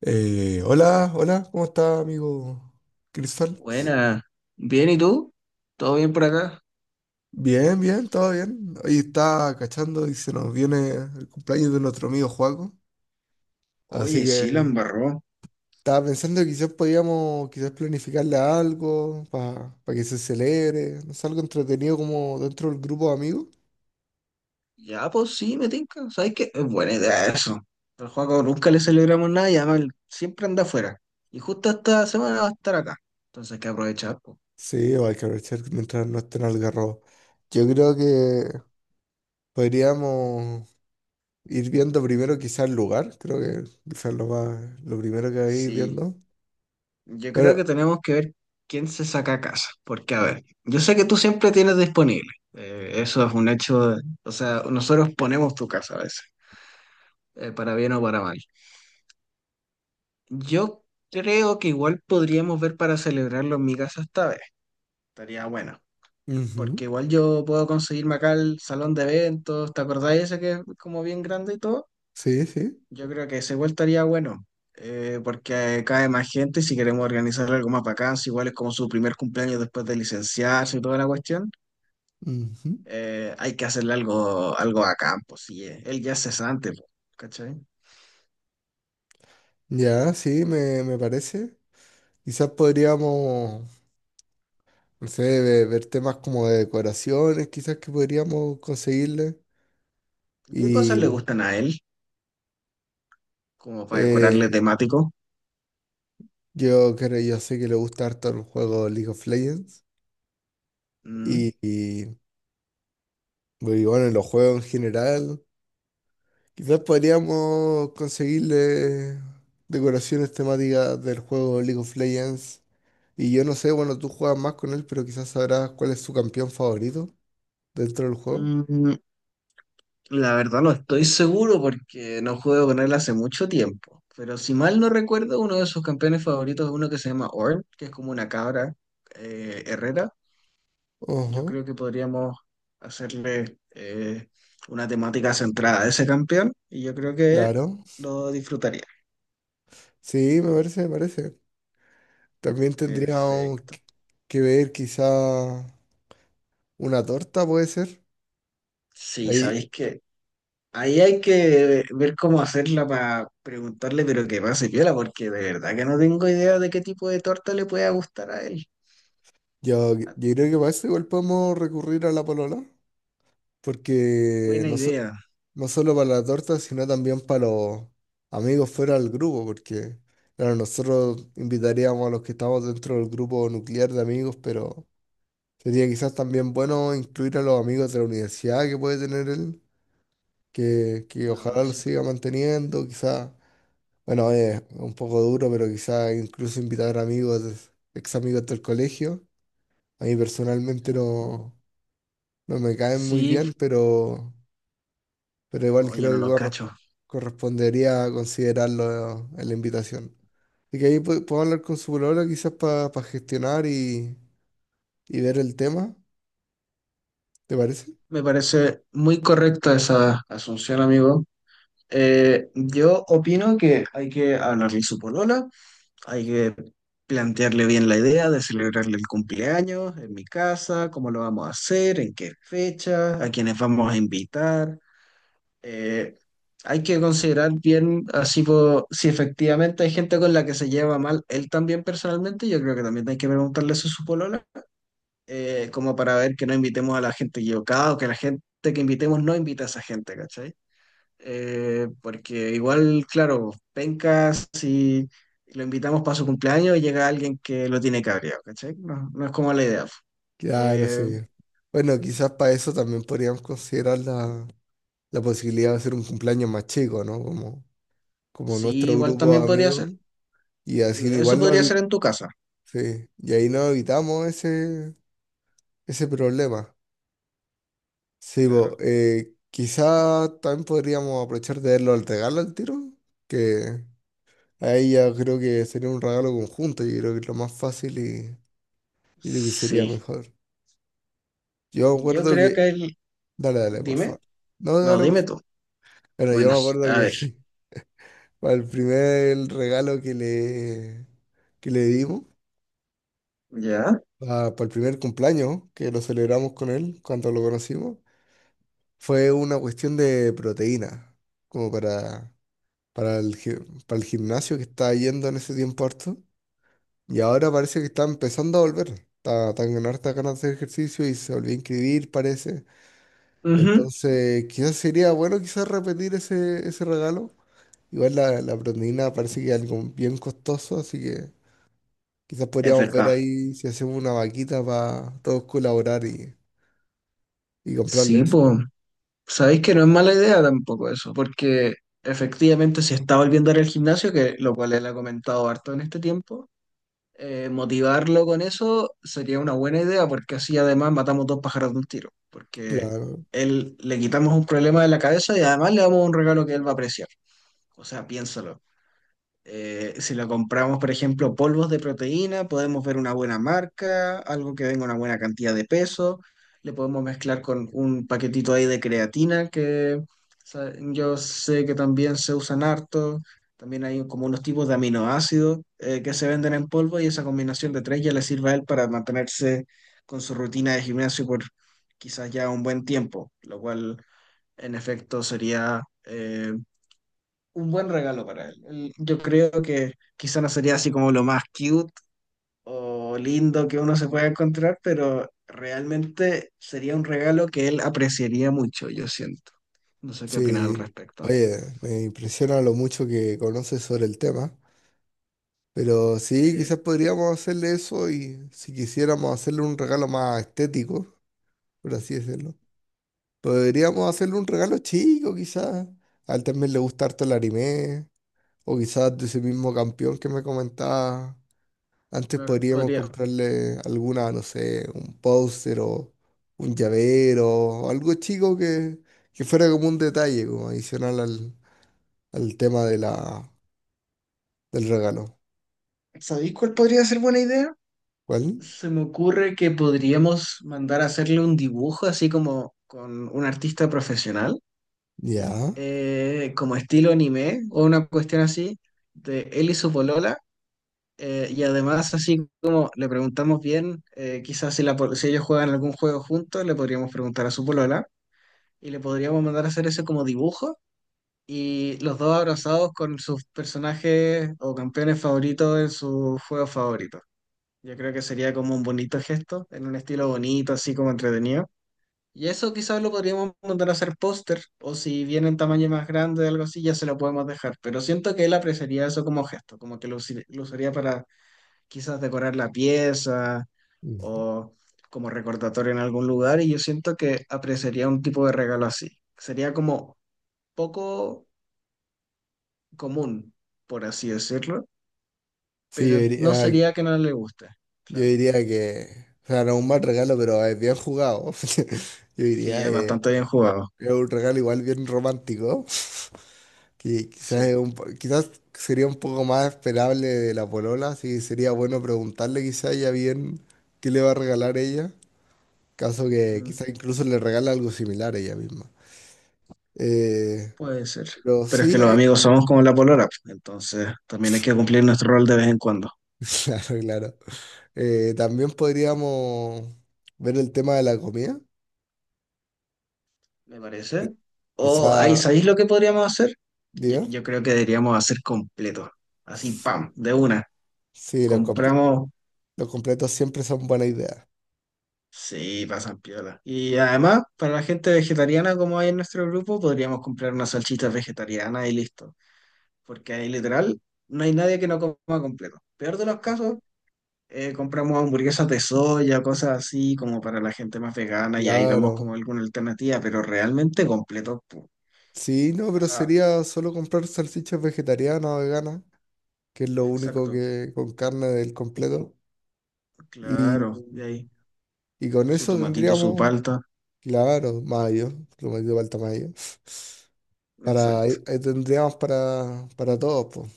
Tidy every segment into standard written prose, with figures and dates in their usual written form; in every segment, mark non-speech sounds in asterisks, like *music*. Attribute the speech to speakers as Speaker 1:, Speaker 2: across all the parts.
Speaker 1: Hola, hola, ¿cómo está, amigo Cristal?
Speaker 2: Buena, bien, ¿y tú? ¿Todo bien por acá?
Speaker 1: Bien, bien, todo bien. Hoy está cachando y se nos viene el cumpleaños de nuestro amigo Joaco. Así
Speaker 2: Oye, sí, la
Speaker 1: que
Speaker 2: embarró.
Speaker 1: estaba pensando que quizás podíamos quizás planificarle algo para que se celebre, no sé, algo entretenido como dentro del grupo de amigos.
Speaker 2: Ya, pues sí, me tinca. ¿Sabes qué? Es buena idea eso. Al Juaco nunca le celebramos nada y además él siempre anda afuera. Y justo esta semana va a estar acá. Entonces hay que aprovechar, pues.
Speaker 1: Sí, o hay que aprovechar mientras no estén algarrobos. Yo creo que podríamos ir viendo primero quizás el lugar, creo que quizás lo más, lo primero que hay ir
Speaker 2: Sí,
Speaker 1: viendo.
Speaker 2: yo creo
Speaker 1: Pero
Speaker 2: que tenemos que ver quién se saca a casa. Porque, a ver, yo sé que tú siempre tienes disponible. Eso es un hecho. O sea, nosotros ponemos tu casa a veces, para bien o para mal. Yo creo que igual podríamos ver para celebrarlo en mi casa esta vez. Estaría bueno. Porque
Speaker 1: ujú,
Speaker 2: igual yo puedo conseguirme acá el salón de eventos. ¿Te acordáis ese que es como bien grande y todo?
Speaker 1: sí, sí.
Speaker 2: Yo creo que ese igual estaría bueno. Porque cae más gente y si queremos organizar algo más bacán, si igual es como su primer cumpleaños después de licenciarse y toda la cuestión,
Speaker 1: Ujú.
Speaker 2: hay que hacerle algo, algo bacán, pues sí. Él ya es cesante, pues, ¿cachai?
Speaker 1: Ya, sí, me parece. Quizás podríamos, no sé, ver temas como de decoraciones, quizás que podríamos conseguirle.
Speaker 2: ¿Qué cosas le
Speaker 1: Y
Speaker 2: gustan a él? Como para decorarle
Speaker 1: eh,
Speaker 2: temático.
Speaker 1: yo creo, yo sé que le gusta harto el juego League of Legends.
Speaker 2: ¿Mm?
Speaker 1: Y, y, y bueno, los juegos en general. Quizás podríamos conseguirle decoraciones temáticas del juego League of Legends. Y yo no sé, bueno, tú juegas más con él, pero quizás sabrás cuál es su campeón favorito dentro del juego.
Speaker 2: Mm, La verdad no estoy seguro porque no juego con él hace mucho tiempo. Pero si mal no recuerdo, uno de sus campeones favoritos es uno que se llama Orn, que es como una cabra herrera.
Speaker 1: Ajá,
Speaker 2: Yo creo que podríamos hacerle una temática centrada a ese campeón y yo creo que
Speaker 1: claro.
Speaker 2: lo disfrutaría.
Speaker 1: Sí, me parece, me parece. También tendríamos
Speaker 2: Perfecto.
Speaker 1: que ver quizá una torta, puede ser.
Speaker 2: Sí,
Speaker 1: Ahí,
Speaker 2: sabéis que ahí hay que ver cómo hacerla para preguntarle, pero que pase piola, porque de verdad que no tengo idea de qué tipo de torta le pueda gustar a él.
Speaker 1: yo creo que para eso igual podemos recurrir a la polola, porque
Speaker 2: Buena
Speaker 1: no,
Speaker 2: idea.
Speaker 1: no solo para la torta, sino también para los amigos fuera del grupo, porque claro, nosotros invitaríamos a los que estamos dentro del grupo nuclear de amigos, pero... Sería quizás también bueno incluir a los amigos de la universidad que puede tener él, que
Speaker 2: No,
Speaker 1: ojalá lo
Speaker 2: sí.
Speaker 1: siga manteniendo, quizás, bueno, es un poco duro, pero quizás incluso invitar amigos, ex amigos del colegio. A mí personalmente
Speaker 2: Sí,
Speaker 1: no, no me caen muy
Speaker 2: sí,
Speaker 1: bien, pero igual
Speaker 2: oye,
Speaker 1: creo
Speaker 2: no
Speaker 1: que
Speaker 2: los cacho.
Speaker 1: correspondería considerarlo en la invitación. Así que ahí puedo hablar con su polola quizás para gestionar y ver el tema, ¿te parece?
Speaker 2: Me parece muy correcta esa asunción, amigo. Yo opino que hay que hablarle a su polola, hay que plantearle bien la idea de celebrarle el cumpleaños en mi casa, cómo lo vamos a hacer, en qué fecha, a quiénes vamos a invitar. Eh, Hay que considerar bien, así po- si efectivamente hay gente con la que se lleva mal, él también personalmente, yo creo que también hay que preguntarle eso a su polola como para ver que no invitemos a la gente equivocada o que la gente que invitemos no invite a esa gente, ¿cachai? Porque igual, claro, penca si lo invitamos para su cumpleaños y llega alguien que lo tiene cabreado, ¿cachai? No, no es como la idea.
Speaker 1: Claro, sí.
Speaker 2: Eh,
Speaker 1: Bueno, quizás para eso también podríamos considerar la posibilidad de hacer un cumpleaños más chico, ¿no? Como, como
Speaker 2: sí,
Speaker 1: nuestro
Speaker 2: igual
Speaker 1: grupo
Speaker 2: también
Speaker 1: de
Speaker 2: podría ser.
Speaker 1: amigos. Y así
Speaker 2: Eso
Speaker 1: igual no
Speaker 2: podría ser en tu casa,
Speaker 1: sí, y ahí no evitamos ese, ese problema. Sí, bo,
Speaker 2: claro.
Speaker 1: quizás también podríamos aprovechar de verlo al regalo al tiro, que ahí ya creo que sería un regalo conjunto, yo creo que es lo más fácil y lo que sería
Speaker 2: Sí,
Speaker 1: mejor. Yo
Speaker 2: yo
Speaker 1: acuerdo
Speaker 2: creo
Speaker 1: que...
Speaker 2: que el...
Speaker 1: Dale, dale, por
Speaker 2: Dime,
Speaker 1: favor. No,
Speaker 2: no,
Speaker 1: dale, por
Speaker 2: dime tú.
Speaker 1: bueno, yo
Speaker 2: Bueno,
Speaker 1: me acuerdo
Speaker 2: a ver,
Speaker 1: que *laughs* para el primer regalo que le dimos,
Speaker 2: ya.
Speaker 1: el primer cumpleaños que lo celebramos con él cuando lo conocimos, fue una cuestión de proteína, como para, para el, gi- para el gimnasio que estaba yendo en ese tiempo harto. Y ahora parece que está empezando a volver. Está, está con hartas ganas de hacer ejercicio y se volvió a inscribir, parece.
Speaker 2: Ujú,
Speaker 1: Entonces, quizás sería bueno quizás repetir ese, ese regalo. Igual la proteína parece que es algo bien costoso, así que quizás
Speaker 2: es
Speaker 1: podríamos ver
Speaker 2: verdad.
Speaker 1: ahí si hacemos una vaquita para todos colaborar y comprarle
Speaker 2: Sí,
Speaker 1: eso.
Speaker 2: pues. Sabéis que no es mala idea tampoco eso, porque efectivamente si está volviendo a ir al gimnasio, que lo cual él ha comentado harto en este tiempo, motivarlo con eso sería una buena idea, porque así además matamos dos pájaros de un tiro, porque
Speaker 1: Claro,
Speaker 2: él le quitamos un problema de la cabeza y además le damos un regalo que él va a apreciar. O sea, piénsalo. Si lo compramos, por ejemplo, polvos de proteína, podemos ver una buena marca, algo que venga una buena cantidad de peso. Le podemos mezclar con un paquetito ahí de creatina que yo sé que también se usan harto. También hay como unos tipos de aminoácidos que se venden en polvo y esa combinación de tres ya le sirve a él para mantenerse con su rutina de gimnasio por quizás ya un buen tiempo, lo cual en efecto sería un buen regalo para él. Yo creo que quizá no sería así como lo más cute o lindo que uno se pueda encontrar, pero realmente sería un regalo que él apreciaría mucho, yo siento. No sé qué opinas al
Speaker 1: sí.
Speaker 2: respecto.
Speaker 1: Oye, me impresiona lo mucho que conoces sobre el tema, pero sí,
Speaker 2: Eh,
Speaker 1: quizás podríamos hacerle eso y si quisiéramos hacerle un regalo más estético, por así decirlo, podríamos hacerle un regalo chico, quizás. A él también le gusta harto el anime, o quizás de ese mismo campeón que me comentaba antes
Speaker 2: claro,
Speaker 1: podríamos
Speaker 2: podría.
Speaker 1: comprarle alguna, no sé, un póster o un llavero o algo chico que fuera como un detalle, como adicional al tema de del regalo.
Speaker 2: ¿Sabéis cuál podría ser buena idea?
Speaker 1: ¿Cuál?
Speaker 2: Se me ocurre que podríamos mandar a hacerle un dibujo así como con un artista profesional,
Speaker 1: Ya.
Speaker 2: como estilo anime o una cuestión así, de él y su polola. Y además, así como le preguntamos bien, quizás si, la, po- si ellos juegan algún juego juntos, le podríamos preguntar a su polola y le podríamos mandar a hacer ese como dibujo y los dos abrazados con sus personajes o campeones favoritos en sus juegos favoritos. Yo creo que sería como un bonito gesto, en un estilo bonito, así como entretenido. Y eso quizás lo podríamos mandar a hacer póster, o si viene en tamaño más grande o algo así, ya se lo podemos dejar. Pero siento que él apreciaría eso como gesto, como que lo usaría para quizás decorar la pieza
Speaker 1: Ujú.
Speaker 2: o como recordatorio en algún lugar y yo siento que apreciaría un tipo de regalo así. Sería como poco común, por así decirlo,
Speaker 1: Sí,
Speaker 2: pero no sería que no le guste.
Speaker 1: yo
Speaker 2: Claro.
Speaker 1: diría que, o sea, no es un mal regalo, pero es bien jugado. *laughs* Yo
Speaker 2: Sí,
Speaker 1: diría,
Speaker 2: es bastante bien jugado.
Speaker 1: es un regalo igual bien romántico. Que quizás,
Speaker 2: Sí,
Speaker 1: es un quizás sería un poco más esperable de la polola, así que sería bueno preguntarle quizás ella bien qué le va a regalar ella, caso que
Speaker 2: mm,
Speaker 1: quizás incluso le regala algo similar ella misma. Eh,
Speaker 2: puede ser.
Speaker 1: pero
Speaker 2: Pero es que
Speaker 1: sí
Speaker 2: los
Speaker 1: hay...
Speaker 2: amigos somos como la polola, entonces también hay que cumplir nuestro rol de vez en cuando.
Speaker 1: *laughs* Claro, claro. También podríamos ver el tema de la comida,
Speaker 2: ¿Me
Speaker 1: que
Speaker 2: parece? O ahí,
Speaker 1: quizá,
Speaker 2: ¿sabéis lo que podríamos hacer? Yo,
Speaker 1: diga,
Speaker 2: yo creo que deberíamos hacer completo. Así, pam, de una.
Speaker 1: sí,
Speaker 2: Compramos,
Speaker 1: los completos siempre son buena idea.
Speaker 2: sí, pasan piola. Y además, para la gente vegetariana, como hay en nuestro grupo, podríamos comprar unas salchichas vegetarianas y listo. Porque ahí literal no hay nadie que no coma completo. Peor de los casos, compramos hamburguesas de soya, cosas así, como para la gente más vegana, y ahí vemos como
Speaker 1: Claro.
Speaker 2: alguna alternativa, pero realmente completo. Pu-
Speaker 1: Sí, no, pero
Speaker 2: O
Speaker 1: sería solo comprar salchichas vegetarianas o veganas, que es lo único
Speaker 2: exacto,
Speaker 1: que con carne del completo. Y,
Speaker 2: claro. Y ahí,
Speaker 1: y con
Speaker 2: su
Speaker 1: eso
Speaker 2: tomatito, su
Speaker 1: tendríamos,
Speaker 2: palta,
Speaker 1: claro, mayo, lo metido falta mayo. Para,
Speaker 2: exacto.
Speaker 1: ahí tendríamos para todos, po.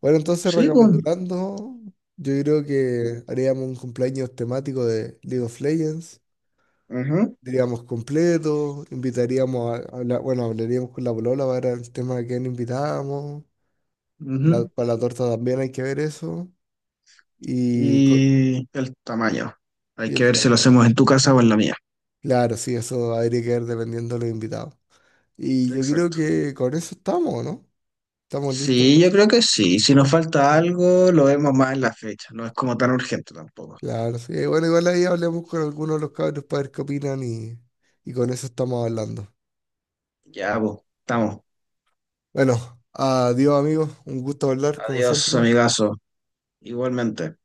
Speaker 1: Bueno, entonces
Speaker 2: Sí, pues.
Speaker 1: recapitulando, yo creo que haríamos un cumpleaños temático de League of Legends.
Speaker 2: Ujú,
Speaker 1: Diríamos completo, invitaríamos a hablar, bueno, hablaríamos con la polola para ver el tema de quién invitamos.
Speaker 2: ujú.
Speaker 1: Para la torta también hay que ver eso. Y, co-
Speaker 2: Y el tamaño. Hay
Speaker 1: y
Speaker 2: que
Speaker 1: el
Speaker 2: ver si
Speaker 1: tema.
Speaker 2: lo hacemos en tu casa o en la mía.
Speaker 1: Claro, sí, eso habría que ver dependiendo de los invitados. Y yo creo
Speaker 2: Exacto.
Speaker 1: que con eso estamos, ¿no? Estamos
Speaker 2: Sí,
Speaker 1: listos.
Speaker 2: yo creo que sí. Si nos falta algo, lo vemos más en la fecha. No es como tan urgente tampoco.
Speaker 1: Claro, sí. Bueno, igual ahí hablemos con algunos de los cabros para ver qué opinan y con eso estamos hablando.
Speaker 2: Ya, pues, estamos.
Speaker 1: Bueno, adiós amigos, un gusto hablar como
Speaker 2: Adiós,
Speaker 1: siempre.
Speaker 2: amigazo. Igualmente.